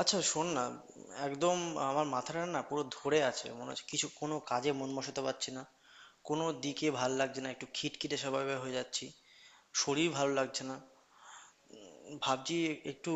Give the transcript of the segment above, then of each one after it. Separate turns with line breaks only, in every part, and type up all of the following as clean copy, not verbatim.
আচ্ছা শোন না। একদম। আমার মাথাটা না পুরো ধরে আছে, মনে হচ্ছে কিছু কোনো কাজে মন বসাতে পারছি না, কোনো দিকে ভাল লাগছে না, একটু খিটখিটে স্বভাবের হয়ে যাচ্ছি, শরীর ভালো লাগছে না। ভাবছি একটু,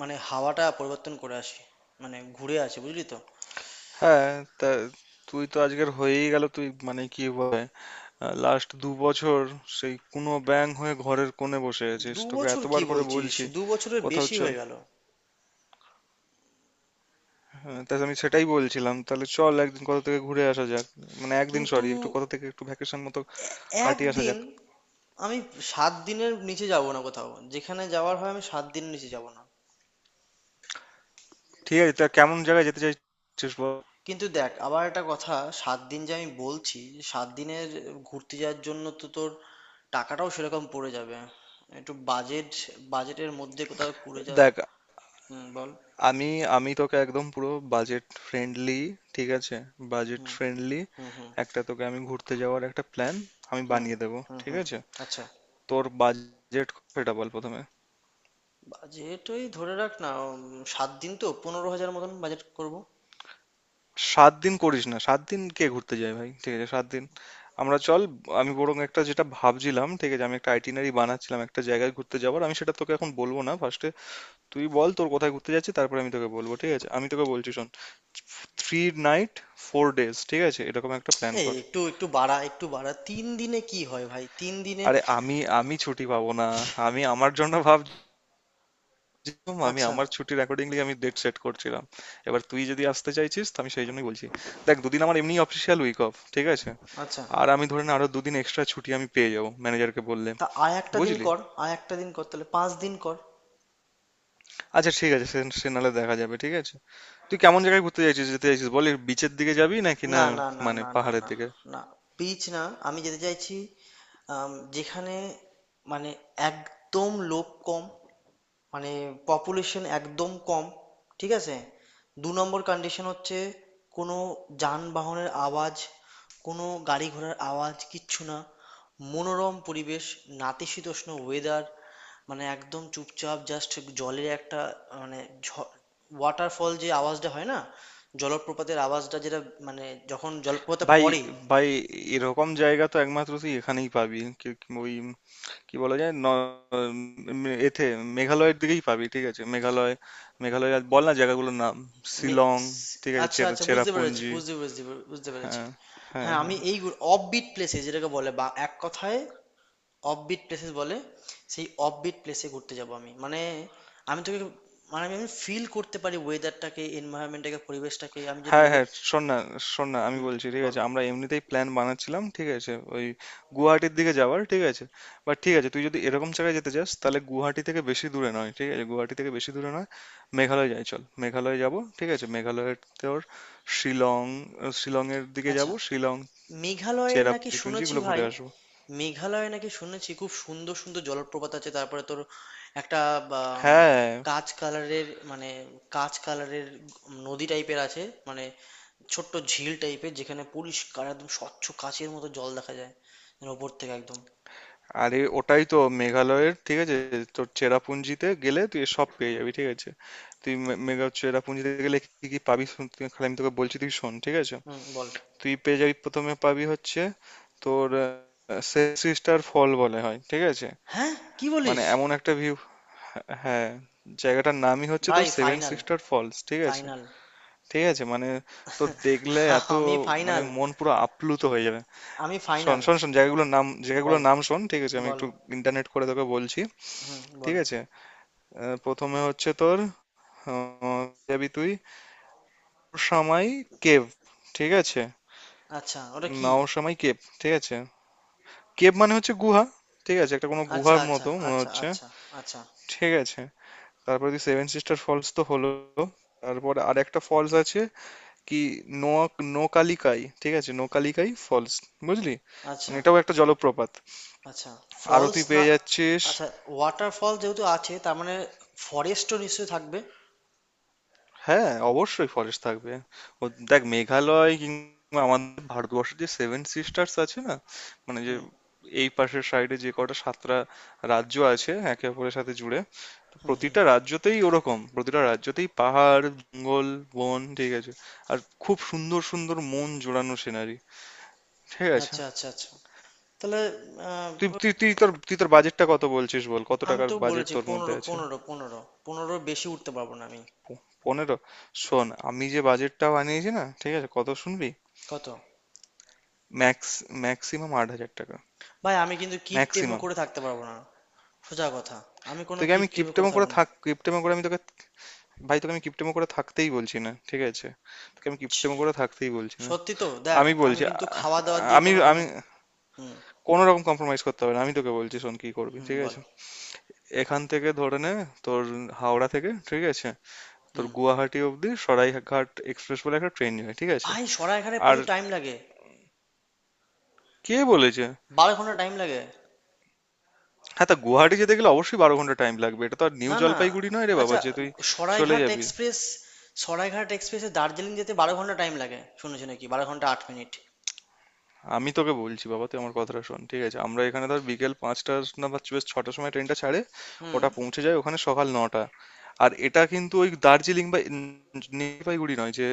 মানে হাওয়াটা পরিবর্তন করে আসি, মানে ঘুরে আসি, বুঝলি তো।
হ্যাঁ, তা তুই তো আজকের হয়েই গেল তুই মানে কি বলে লাস্ট 2 বছর সেই কুনো ব্যাঙ হয়ে ঘরের কোণে বসে আছিস,
দু
তোকে
বছর কি
এতবার করে
বলছিস,
বলছি
2 বছরের
কোথাও
বেশি
চল।
হয়ে গেল।
হ্যাঁ, তা আমি সেটাই বলছিলাম, তাহলে চল একদিন কোথা থেকে ঘুরে আসা যাক। মানে একদিন
কিন্তু
সরি একটু কোথা থেকে একটু ভ্যাকেশন মতো কাটিয়ে আসা
একদিন
যাক।
আমি 7 দিনের নিচে যাব না কোথাও, যেখানে যাওয়ার হয় আমি সাত দিনের নিচে যাব না।
ঠিক আছে, তা কেমন জায়গায় যেতে চাইছিস বল।
কিন্তু দেখ, আবার একটা কথা, 7 দিন যে আমি বলছি, যে 7 দিনের ঘুরতে যাওয়ার জন্য তো তোর টাকাটাও সেরকম পড়ে যাবে, একটু বাজেট, বাজেটের মধ্যে কোথাও করে যা।
দেখ,
হুম, বল।
আমি আমি তোকে একদম পুরো বাজেট ফ্রেন্ডলি, ঠিক আছে, budget
hmm
friendly
hmm. Hmm
একটা তোকে আমি ঘুরতে যাওয়ার একটা প্ল্যান আমি
হুম।
বানিয়ে দেবো,
হুম
ঠিক
হুম।
আছে।
আচ্ছা।
তোর বাজেট, সেটা বল প্রথমে।
বাজেট ওই ধরে রাখ না, সাত দিন তো 15,000 মতন বাজেট করব।
সাত দিন করিস না, 7 দিন কে ঘুরতে যায় ভাই, ঠিক আছে, সাত দিন আমরা চল, আমি বরং একটা যেটা ভাবছিলাম ঠিক আছে, আমি একটা আইটিনারি বানাচ্ছিলাম একটা জায়গায় ঘুরতে যাওয়ার, আমি সেটা তোকে এখন বলবো না ফার্স্টে, তুই বল তোর কোথায় ঘুরতে যাচ্ছিস, তারপরে আমি তোকে বলবো, ঠিক আছে আমি তোকে বলছি শোন। থ্রি নাইট ফোর ডেজ, ঠিক আছে, এরকম একটা প্ল্যান
এই
কর।
একটু একটু বাড়া, একটু বাড়া, 3 দিনে কি হয় ভাই, 3 দিনে।
আরে আমি আমি ছুটি পাবো না, আমি আমার জন্য ভাব, যেরকম আমি
আচ্ছা।
আমার ছুটির অ্যাকর্ডিংলি আমি ডেট সেট করছিলাম, এবার তুই যদি আসতে চাইছিস তো আমি সেই জন্যই বলছি। দেখ, 2 দিন আমার এমনি অফিসিয়াল উইক অফ, ঠিক আছে।
আচ্ছা,
আর আমি ধরে না আরো 2 দিন এক্সট্রা ছুটি আমি পেয়ে যাবো ম্যানেজারকে বললে,
তা আর একটা দিন
বুঝলি।
কর, আর একটা দিন কর, তাহলে 5 দিন কর।
আচ্ছা ঠিক আছে, সে সে নাহলে দেখা যাবে ঠিক আছে। তুই কেমন জায়গায় ঘুরতে চাইছিস, যেতে চাইছিস বলি, বিচের দিকে যাবি নাকি না,
না, না, না,
মানে
না, না,
পাহাড়ের
না।
দিকে।
না, বিচ না। আমি যেতে চাইছি যেখানে, মানে একদম লোক কম, মানে পপুলেশন একদম কম। ঠিক আছে, 2 নম্বর কন্ডিশন হচ্ছে কোনো যানবাহনের আওয়াজ, কোনো গাড়ি ঘোড়ার আওয়াজ কিচ্ছু না, মনোরম পরিবেশ, নাতিশীতোষ্ণ ওয়েদার, মানে একদম চুপচাপ, জাস্ট জলের একটা, মানে ওয়াটারফল যে আওয়াজটা হয় না, জলপ্রপাতের আওয়াজটা, যেটা মানে যখন জলপ্রপাতে
ভাই
পড়ে।
ভাই এরকম জায়গা তো একমাত্র তুই এখানেই পাবি, কি- ওই কি বলা যায় ন উম, এতে মেঘালয়ের দিকেই পাবি, ঠিক আছে, মেঘালয়, মেঘালয়। আর বল না জায়গাগুলোর নাম, শিলং,
মিক্স।
ঠিক আছে,
আচ্ছা
চেরা
আচ্ছা, বুঝতে পেরেছি,
চেরাপুঞ্জি
বুঝতে পেরেছি, বুঝতে পেরেছি।
হ্যাঁ, হ্যাঁ
হ্যাঁ, আমি
হ্যাঁ
এই অফবিট প্লেসে, যেটাকে বলে বা এক কথায় অফবিট প্লেসেস বলে, সেই অফবিট প্লেসে ঘুরতে যাব আমি। মানে আমি তোকে, মানে আমি ফিল করতে পারি ওয়েদারটাকে, এনভায়রনমেন্টটাকে, পরিবেশটাকে, আমি যেন
হ্যাঁ
নিজের।
হ্যাঁ শোন না, আমি
হুম,
বলছি ঠিক
বল।
আছে, আমরা এমনিতেই প্ল্যান বানাচ্ছিলাম, ঠিক আছে, ওই গুয়াহাটির দিকে যাওয়ার, ঠিক আছে। বাট ঠিক আছে, তুই যদি এরকম জায়গায় যেতে চাস তাহলে গুয়াহাটি থেকে বেশি দূরে নয়, ঠিক আছে, গুয়াহাটি থেকে বেশি দূরে নয় মেঘালয়, যাই চল মেঘালয় যাব। ঠিক আছে মেঘালয়ের, তোর শিলং, শিলংয়ের দিকে
আচ্ছা,
যাব, শিলং,
মেঘালয়ে নাকি
চেরাপুঞ্জি টুঞ্জি
শুনেছি
এগুলো ঘুরে
ভাই।
আসবো।
মেঘালয়ে নাকি শুনেছি খুব সুন্দর সুন্দর জলপ্রপাত আছে, তারপরে তোর একটা বা, উম,
হ্যাঁ,
কাঁচ কালারের, মানে কাঁচ কালারের নদী টাইপের আছে, মানে ছোট্ট ঝিল টাইপের, যেখানে পরিষ্কার একদম স্বচ্ছ কাঁচের মতো জল দেখা যায়, মানে ওপর থেকে একদম।
আরে ওটাই তো মেঘালয়ের, ঠিক আছে, তোর চেরাপুঞ্জিতে গেলে তুই সব পেয়ে যাবি, ঠিক আছে। তুই মে- মেঘা চেরাপুঞ্জিতে গেলে কি কি পাবি শুন খালি আমি তোকে বলছি তুই শোন, ঠিক আছে।
হুম, বল।
তুই পেয়ে যাবি প্রথমে, পাবি হচ্ছে তোর সিস্টার ফল বলে হয়, ঠিক আছে।
হ্যাঁ, কি
মানে
বলিস।
এমন একটা ভিউ, হ্যাঁ, হ্যাঁ, জায়গাটার নামই হচ্ছে
ভাই
তোর সেভেন
ফাইনাল,
সিস্টার ফলস, ঠিক আছে।
ফাইনাল।
ঠিক আছে মানে, তোর দেখলে এত,
আমি
মানে
ফাইনাল।
মন পুরো আপ্লুত হয়ে যাবে।
আমি
শোন
ফাইনাল।
শোন শোন জায়গাগুলোর নাম
বল,
জায়গাগুলোর নাম শোন, ঠিক আছে আমি
বল।
একটু ইন্টারনেট করে তোকে বলছি,
হুম,
ঠিক
বল।
আছে। প্রথমে হচ্ছে তোর, আহ, যাবি তুই নওশামাই কেভ, ঠিক আছে,
আচ্ছা, ওটা কি।
নওশামাই কেভ, ঠিক আছে, কেভ মানে হচ্ছে গুহা, ঠিক আছে, একটা কোনো
আচ্ছা,
গুহার
আচ্ছা,
মতো মনে
আচ্ছা,
হচ্ছে,
আচ্ছা। আচ্ছা।
ঠিক আছে। তারপরে তুই সেভেন সিস্টার ফলস তো হলো, তারপরে আর একটা ফলস আছে, কি, নোয়া নোকালিকাই, ঠিক আছে নোকালিকাই ফলস, বুঝলি,
আচ্ছা।
মানে এটাও একটা জলপ্রপাত।
আচ্ছা,
আরো
ফলস
তুই
না।
পেয়ে যাচ্ছিস।
আচ্ছা, ওয়াটারফল যেহেতু আছে তার মানে ফরেস্টও নিশ্চয়ই থাকবে।
হ্যাঁ, অবশ্যই ফরেস্ট থাকবে। ও দেখ, মেঘালয় কিংবা আমাদের ভারতবর্ষের যে সেভেন সিস্টার্স আছে না? মানে যে
হুম।
এই পাশের সাইডে যে কটা 7টা রাজ্য আছে একে অপরের সাথে জুড়ে, তো প্রতিটা রাজ্যতেই ওরকম, প্রতিটা রাজ্যতেই পাহাড়, জঙ্গল, বন, ঠিক আছে। আর খুব সুন্দর সুন্দর মন জোড়ানো সিনারি, ঠিক আছে।
আচ্ছা আচ্ছা আচ্ছা। তাহলে আহ,
তুই তুই তুই তোর তুই তোর বাজেটটা কত বলছিস বল? কত
আমি
টাকার
তো
বাজেট
বলেছি
তোর মধ্যে
পনেরো,
আছে?
পনেরো, পনেরো, পনেরোর বেশি উঠতে পারবো না আমি।
পনেরো? শোন, আমি যে বাজেটটা বানিয়েছি না, ঠিক আছে? কত শুনবি?
কত?
ম্যাক্স, ম্যাক্সিমাম 8,000 টাকা,
ভাই, আমি কিন্তু কিপটেমে
ম্যাক্সিমাম।
করে থাকতে পারবো না, সোজা কথা, আমি কোনো
তোকে আমি
কিপটেমে করে
কিপটেমো করে
থাকবো না।
থাক, কিপটেমো করে আমি তোকে, ভাই তোকে আমি কিপটেমো করে থাকতেই বলছি না, ঠিক আছে, তোকে আমি
ছি,
কিপটেমো করে থাকতেই বলছি না।
সত্যি তো। দেখ,
আমি
আমি
বলছি আ-
কিন্তু খাওয়া দাওয়া দিয়ে
আমি
কোনো রকম।
আমি
হুম।
কোনো রকম কম্প্রোমাইজ করতে হবে না, আমি তোকে বলছি শোন কি করবি,
হুম,
ঠিক
বল।
আছে। এখান থেকে ধরে নে, তোর হাওড়া থেকে, ঠিক আছে, তোর
হুম।
গুয়াহাটি অবধি সরাইঘাট এক্সপ্রেস বলে একটা ট্রেন যায়, ঠিক আছে।
ভাই, সরা এখানে
আর
প্রচুর টাইম লাগে,
কে বলেছে?
12 ঘন্টা টাইম লাগে।
হ্যাঁ, তা গুয়াহাটি যেতে গেলে অবশ্যই 12 ঘন্টা টাইম লাগবে, এটা তো আর নিউ
না না।
জলপাইগুড়ি নয় রে বাবা
আচ্ছা।
যে তুই চলে
সরাইঘাট
যাবি।
এক্সপ্রেস, সরাইঘাট এক্সপ্রেসে দার্জিলিং যেতে 12 ঘন্টা টাইম লাগে শুনেছি নাকি 12 ঘন্টা 8 মিনিট।
আমি তোকে বলছি বাবা, তুই আমার কথাটা শোন ঠিক আছে, আমরা এখানে ধর বিকেল 5টা না, বা বেশ 6টার সময় ট্রেনটা ছাড়ে,
হুম।
ওটা পৌঁছে যায় ওখানে সকাল 9টা, আর এটা কিন্তু ওই দার্জিলিং বা জলপাইগুড়ি নয় যে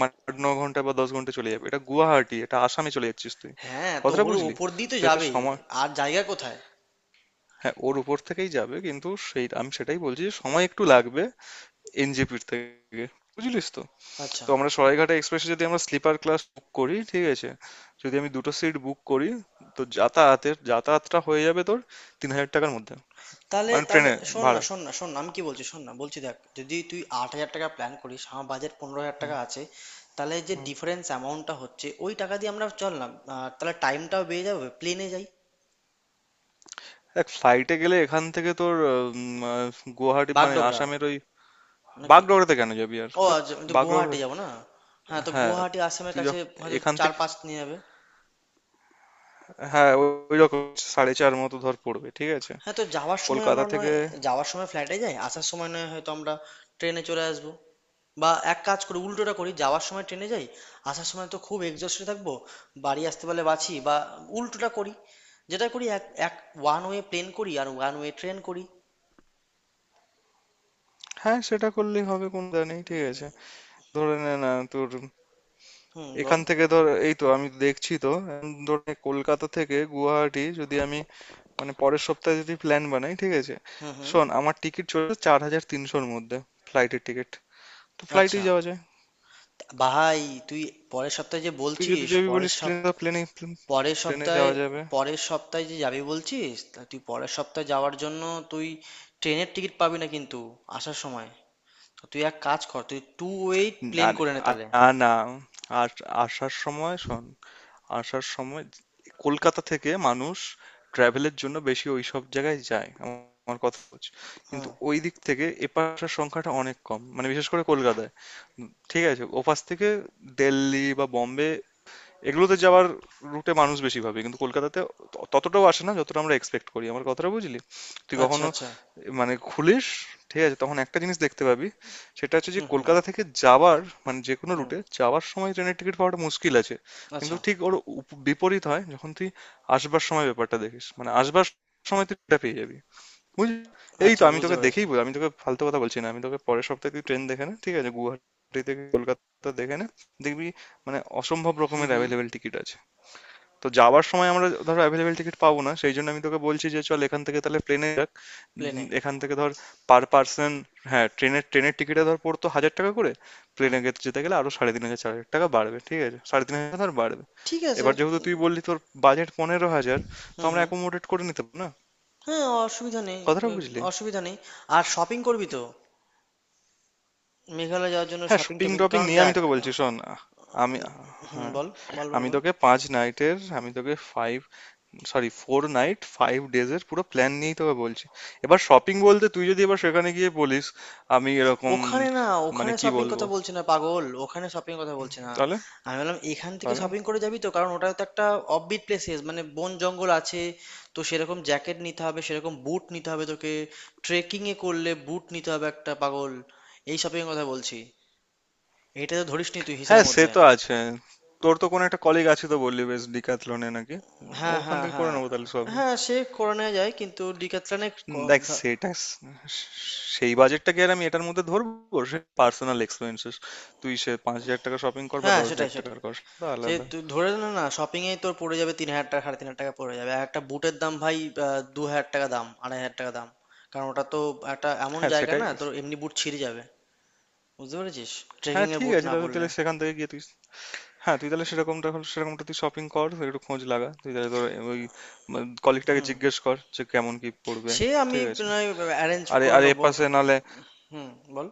মানে 8-9 ঘন্টা বা 10 ঘন্টা চলে যাবে, এটা গুয়াহাটি, এটা আসামে চলে যাচ্ছিস তুই,
হ্যাঁ, তো
কথাটা
ওর
বুঝলি।
ওপর দিয়ে তো
তো এতে
যাবেই,
সময়,
আর জায়গা কোথায়।
হ্যাঁ ওর উপর থেকেই যাবে কিন্তু সেই আমি সেটাই বলছি যে সময় একটু লাগবে NJP-র থেকে, বুঝলিস তো।
আচ্ছা।
তো আমরা সরাইঘাটা এক্সপ্রেসে যদি আমরা স্লিপার ক্লাস বুক করি, ঠিক আছে, যদি আমি 2টো সিট বুক করি, তো যাতায়াতের, যাতায়াতটা হয়ে যাবে তোর 3,000 টাকার মধ্যে,
তাহলে,
মানে
তাহলে
ট্রেনে
শোন না
ভাড়া।
শোন না শোন না, আমি কি বলছি শোন না, বলছি দেখ যদি তুই 8,000 টাকা প্ল্যান করিস, আমার বাজেট 15,000
হুম,
টাকা আছে, তাহলে যে
হুম,
ডিফারেন্স অ্যামাউন্টটা হচ্ছে ওই টাকা দিয়ে আমরা চল না। তাহলে টাইমটাও বেড়ে যাবে, প্লেনে যাই।
এক ফ্লাইটে গেলে এখান থেকে তোর, উম, আহ, গুয়াহাটি মানে
বাগডোগরা
আসামের ওই,
নাকি?
বাগডোগরাতে কেন যাবি আর
ও
তো,
আচ্ছা, আমি তো
বাগডোগরা।
গুয়াহাটি যাবো না। হ্যাঁ, তো
হ্যাঁ,
গুয়াহাটি আসামের
তুই
কাছে।
যখন
হয়তো
এখান
চার
থেকে,
পাঁচ নিয়ে যাবে।
হ্যাঁ ওই রকম 4.5 মতো ধর পড়বে, ঠিক আছে,
হ্যাঁ, তো যাওয়ার সময় আমরা
কলকাতা
নয়,
থেকে।
যাওয়ার সময় ফ্লাইটে যাই, আসার সময় নয় হয়তো আমরা ট্রেনে চলে আসবো। বা এক কাজ করি, উল্টোটা করি, যাওয়ার সময় ট্রেনে যাই, আসার সময় তো খুব এক্সস্টে থাকবো, বাড়ি আসতে পারলে বাঁচি। বা উল্টোটা করি, যেটা করি, এক এক ওয়ান ওয়ে প্লেন করি আর ওয়ান ওয়ে ট্রেন করি।
হ্যাঁ সেটা করলেই হবে, কোনো দা নেই, ঠিক আছে। ধরে নে না তোর,
হুম, বল।
এখান থেকে ধর এই তো আমি দেখছি তো এখন ধর, কলকাতা থেকে গুয়াহাটি যদি আমি মানে পরের সপ্তাহে যদি প্ল্যান বানাই, ঠিক আছে।
হুম হুম।
শোন, আমার টিকিট চলে 4,300-র মধ্যে, ফ্লাইটের টিকিট, তো
আচ্ছা।
ফ্লাইটেই যাওয়া যায়।
ভাই তুই পরের সপ্তাহে যে
তুই যদি
বলছিস,
যাবি
পরের
বলিস,
সপ্তাহে,
প্লেনে প্লেনে
পরের
প্লেনে
সপ্তাহে,
যাওয়া যাবে।
পরের সপ্তাহে যে যাবি বলছিস, তা তুই পরের সপ্তাহে যাওয়ার জন্য তুই ট্রেনের টিকিট পাবি না কিন্তু আসার সময়। তো তুই এক কাজ কর, তুই টু ওয়েট প্লেন
আর
করে নে
আর-
তাহলে।
না না আর আসার সময় শোন, আসার সময় কলকাতা থেকে মানুষ ট্রাভেলের জন্য বেশি ওইসব জায়গায় যায়, আমার কথা হচ্ছে, কিন্তু
হুম।
ওই দিক থেকে এপার আসার সংখ্যাটা অনেক কম, মানে বিশেষ করে কলকাতায়, ঠিক আছে। ওপাশ থেকে দিল্লি বা বোম্বে এগুলোতে যাওয়ার রুটে মানুষ বেশি ভাবে, কিন্তু কলকাতাতে ততটাও আসে না যতটা আমরা এক্সপেক্ট করি, আমার কথাটা বুঝলি। তুই
আচ্ছা
কখনো
আচ্ছা।
মানে খুলিস, ঠিক আছে, তখন একটা জিনিস দেখতে পাবি, সেটা হচ্ছে যে
হুম হুম
কলকাতা থেকে যাওয়ার মানে যে কোনো
হুম।
রুটে যাওয়ার সময় ট্রেনের টিকিট পাওয়াটা মুশকিল আছে, কিন্তু
আচ্ছা
ঠিক ওর বিপরীত হয় যখন তুই আসবার সময় ব্যাপারটা দেখিস, মানে আসবার সময় তুই এটা পেয়ে যাবি, বুঝলি। এই তো
আচ্ছা,
আমি
বুঝতে
তোকে
পেরেছি।
দেখেই বল, আমি তোকে ফালতু কথা বলছি না, আমি তোকে পরের সপ্তাহে তুই ট্রেন দেখে নে, ঠিক আছে, গুয়াহাটি থেকে কলকাতা দেখে নে, দেখবি মানে অসম্ভব
হুম
রকমের
হুম।
অ্যাভেলেবেল টিকিট আছে। তো যাওয়ার সময় আমরা ধর অ্যাভেলেবেল টিকিট পাবো না, সেই জন্য আমি তোকে বলছি যে চল এখান থেকে তাহলে প্লেনে যাক।
প্লেনে।
এখান থেকে ধর পার পার্সন, হ্যাঁ ট্রেনের ট্রেনের টিকিটে ধর পড়তো হাজার টাকা করে,
হুম।
প্লেনে যেতে গেলে আরো 3,500 4,000 টাকা বাড়বে, ঠিক আছে, 3,500 ধর বাড়বে।
ঠিক আছে।
এবার যেহেতু তুই বললি তোর বাজেট 15,000, তো
হুম
আমরা
হুম।
অ্যাকোমোডেট করে নিতে পারবো না,
হ্যাঁ, অসুবিধা নেই,
কথাটা
ব-,
বুঝলি।
অসুবিধা নেই। আর শপিং করবি তো, মেঘালয় যাওয়ার জন্য
হ্যাঁ,
শপিং
শপিং
টপিং,
টপিং
কারণ
নিয়ে আমি
দেখ।
তোকে বলছি শোন, আমি,
হুম,
হ্যাঁ,
বল। বল বল
আমি
বল।
তোকে পাঁচ নাইটের, আমি তোকে five, sorry, four night five ডেজের পুরো প্ল্যান নিয়েই তোকে বলছি। এবার শপিং বলতে তুই যদি এবার সেখানে গিয়ে বলিস আমি এরকম,
ওখানে না,
মানে
ওখানে
কি
শপিং
বলবো
কথা বলছি না পাগল, ওখানে শপিং কথা বলছি না।
তাহলে,
আমি বললাম এখান থেকে
তাহলে।
শপিং করে যাবি তো, কারণ ওটা তো একটা অফবিট প্লেসেস, মানে বন জঙ্গল আছে, তো সেরকম জ্যাকেট নিতে হবে, সেরকম বুট নিতে হবে তোকে, ট্রেকিং এ করলে বুট নিতে হবে একটা পাগল, এই শপিং কথা বলছি, এটা তো ধরিসনি তুই
হ্যাঁ
হিসাবের
সে
মধ্যে।
তো আছে, তোর তো কোনো একটা কলিগ আছে তো বললি, বেশ ডিক্যাথলনে নাকি, উম,
হ্যাঁ
ওখান
হ্যাঁ
থেকে করে
হ্যাঁ।
নেবো তাহলে সব।
হ্যাঁ, সে করে নেওয়া যায় কিন্তু ডিক্যাথলনে।
হুম, দেখ সেটা সেই বাজেটটা কি আর আমি এটার মধ্যে ধরবো, সে পার্সোনাল এক্সপেন্সেস, তুই সে 5,000 টাকা শপিং কর বা
হ্যাঁ,
দশ হাজার
সেটাই সেটাই।
টাকার কর সেটা
সে
আলাদা।
তুই ধরে নে না, শপিং এ তোর পড়ে যাবে 3,000 টাকা, 3,500 টাকা পড়ে যাবে, আর একটা বুটের দাম ভাই 2,000 টাকা দাম, 2,500 টাকা দাম, কারণ ওটা তো একটা এমন
হ্যাঁ
জায়গা
সেটাই,
না তোর এমনি বুট ছিঁড়ে যাবে, বুঝতে পেরেছিস,
হ্যাঁ
ট্রেকিং এর
ঠিক
বুট
আছে,
না
তাহলে
পরলে।
তাহলে সেখান থেকে গিয়ে তুই, হ্যাঁ তুই তাহলে সেরকমটা হলে সেরকমটা তুই শপিং কর, তুই একটু খোঁজ লাগা, তুই তাহলে তোর ওই কলিগটাকে
হুম,
জিজ্ঞেস কর যে কেমন কি পড়বে,
সে আমি
ঠিক আছে।
অ্যারেঞ্জ
আরে
করে
আরে
নেবো একটু।
এপাশে নালে,
হুম, বল।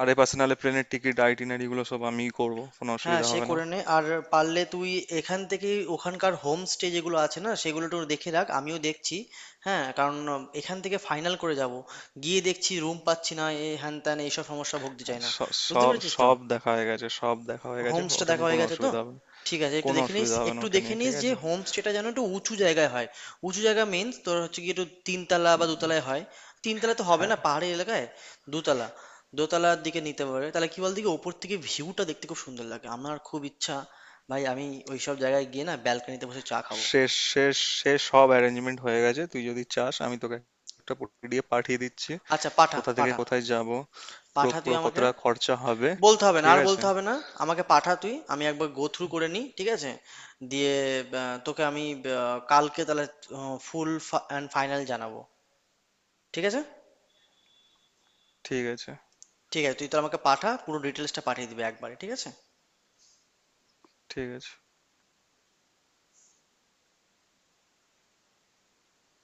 আর এপাশে নালে প্লেনের টিকিট আইটিনারি গুলো সব আমিই করব, কোনো
হ্যাঁ,
অসুবিধা
সে
হবে না।
করে নে। আর পারলে তুই এখান থেকেই ওখানকার হোমস্টে যেগুলো আছে না সেগুলো একটু দেখে রাখ, আমিও দেখছি। হ্যাঁ, কারণ এখান থেকে ফাইনাল করে যাব, গিয়ে দেখছি রুম পাচ্ছি না, এ হ্যান ত্যান এইসব সমস্যা ভুগতে
হ্যাঁ,
চাই না। বুঝতে
সব
পেরেছিস তো,
সব দেখা হয়ে গেছে, সব দেখা হয়ে গেছে,
হোমস্টে
ওটা
দেখা
নিয়ে
হয়ে
কোনো
গেছে তো।
অসুবিধা হবে না।
ঠিক আছে, একটু
কোনো
দেখে নিস,
অসুবিধা হবে না
একটু
ওটা
দেখে
নিয়ে,
নিস
ঠিক
যে
আছে।
হোমস্টেটা যেন একটু উঁচু জায়গায় হয়। উঁচু জায়গা মিন্স তোর হচ্ছে কি, একটু তিনতলা বা দোতলায় হয়, তিনতলা তো হবে
হ্যাঁ
না পাহাড়ি এলাকায়, দোতলা, দোতলার দিকে নিতে পারে তাহলে, কি বল দিকে, ওপর থেকে ভিউটা দেখতে খুব সুন্দর লাগে, আমার খুব ইচ্ছা ভাই, আমি ওইসব জায়গায় গিয়ে না ব্যালকনিতে বসে চা খাবো।
শেষ শেষ শেষ সব অ্যারেঞ্জমেন্ট হয়ে গেছে, তুই যদি চাস আমি তোকে একটা PDF পাঠিয়ে দিচ্ছি,
আচ্ছা, পাঠা
কোথা থেকে
পাঠা।
কোথায় যাব, পুরো
পাঠা, তুই
পুরো
আমাকে
কতটা খরচা হবে,
বলতে হবে না,
ঠিক
আর
আছে,
বলতে হবে না, আমাকে পাঠা তুই, আমি একবার গো থ্রু করে নিই, ঠিক আছে, দিয়ে তোকে আমি কালকে তাহলে ফুল অ্যান্ড ফাইনাল জানাবো, ঠিক আছে।
ঠিক আছে,
ঠিক আছে, তুই তো আমাকে পাঠা, পুরো ডিটেলসটা পাঠিয়ে দিবি একবারে, ঠিক আছে।
ঠিক আছে।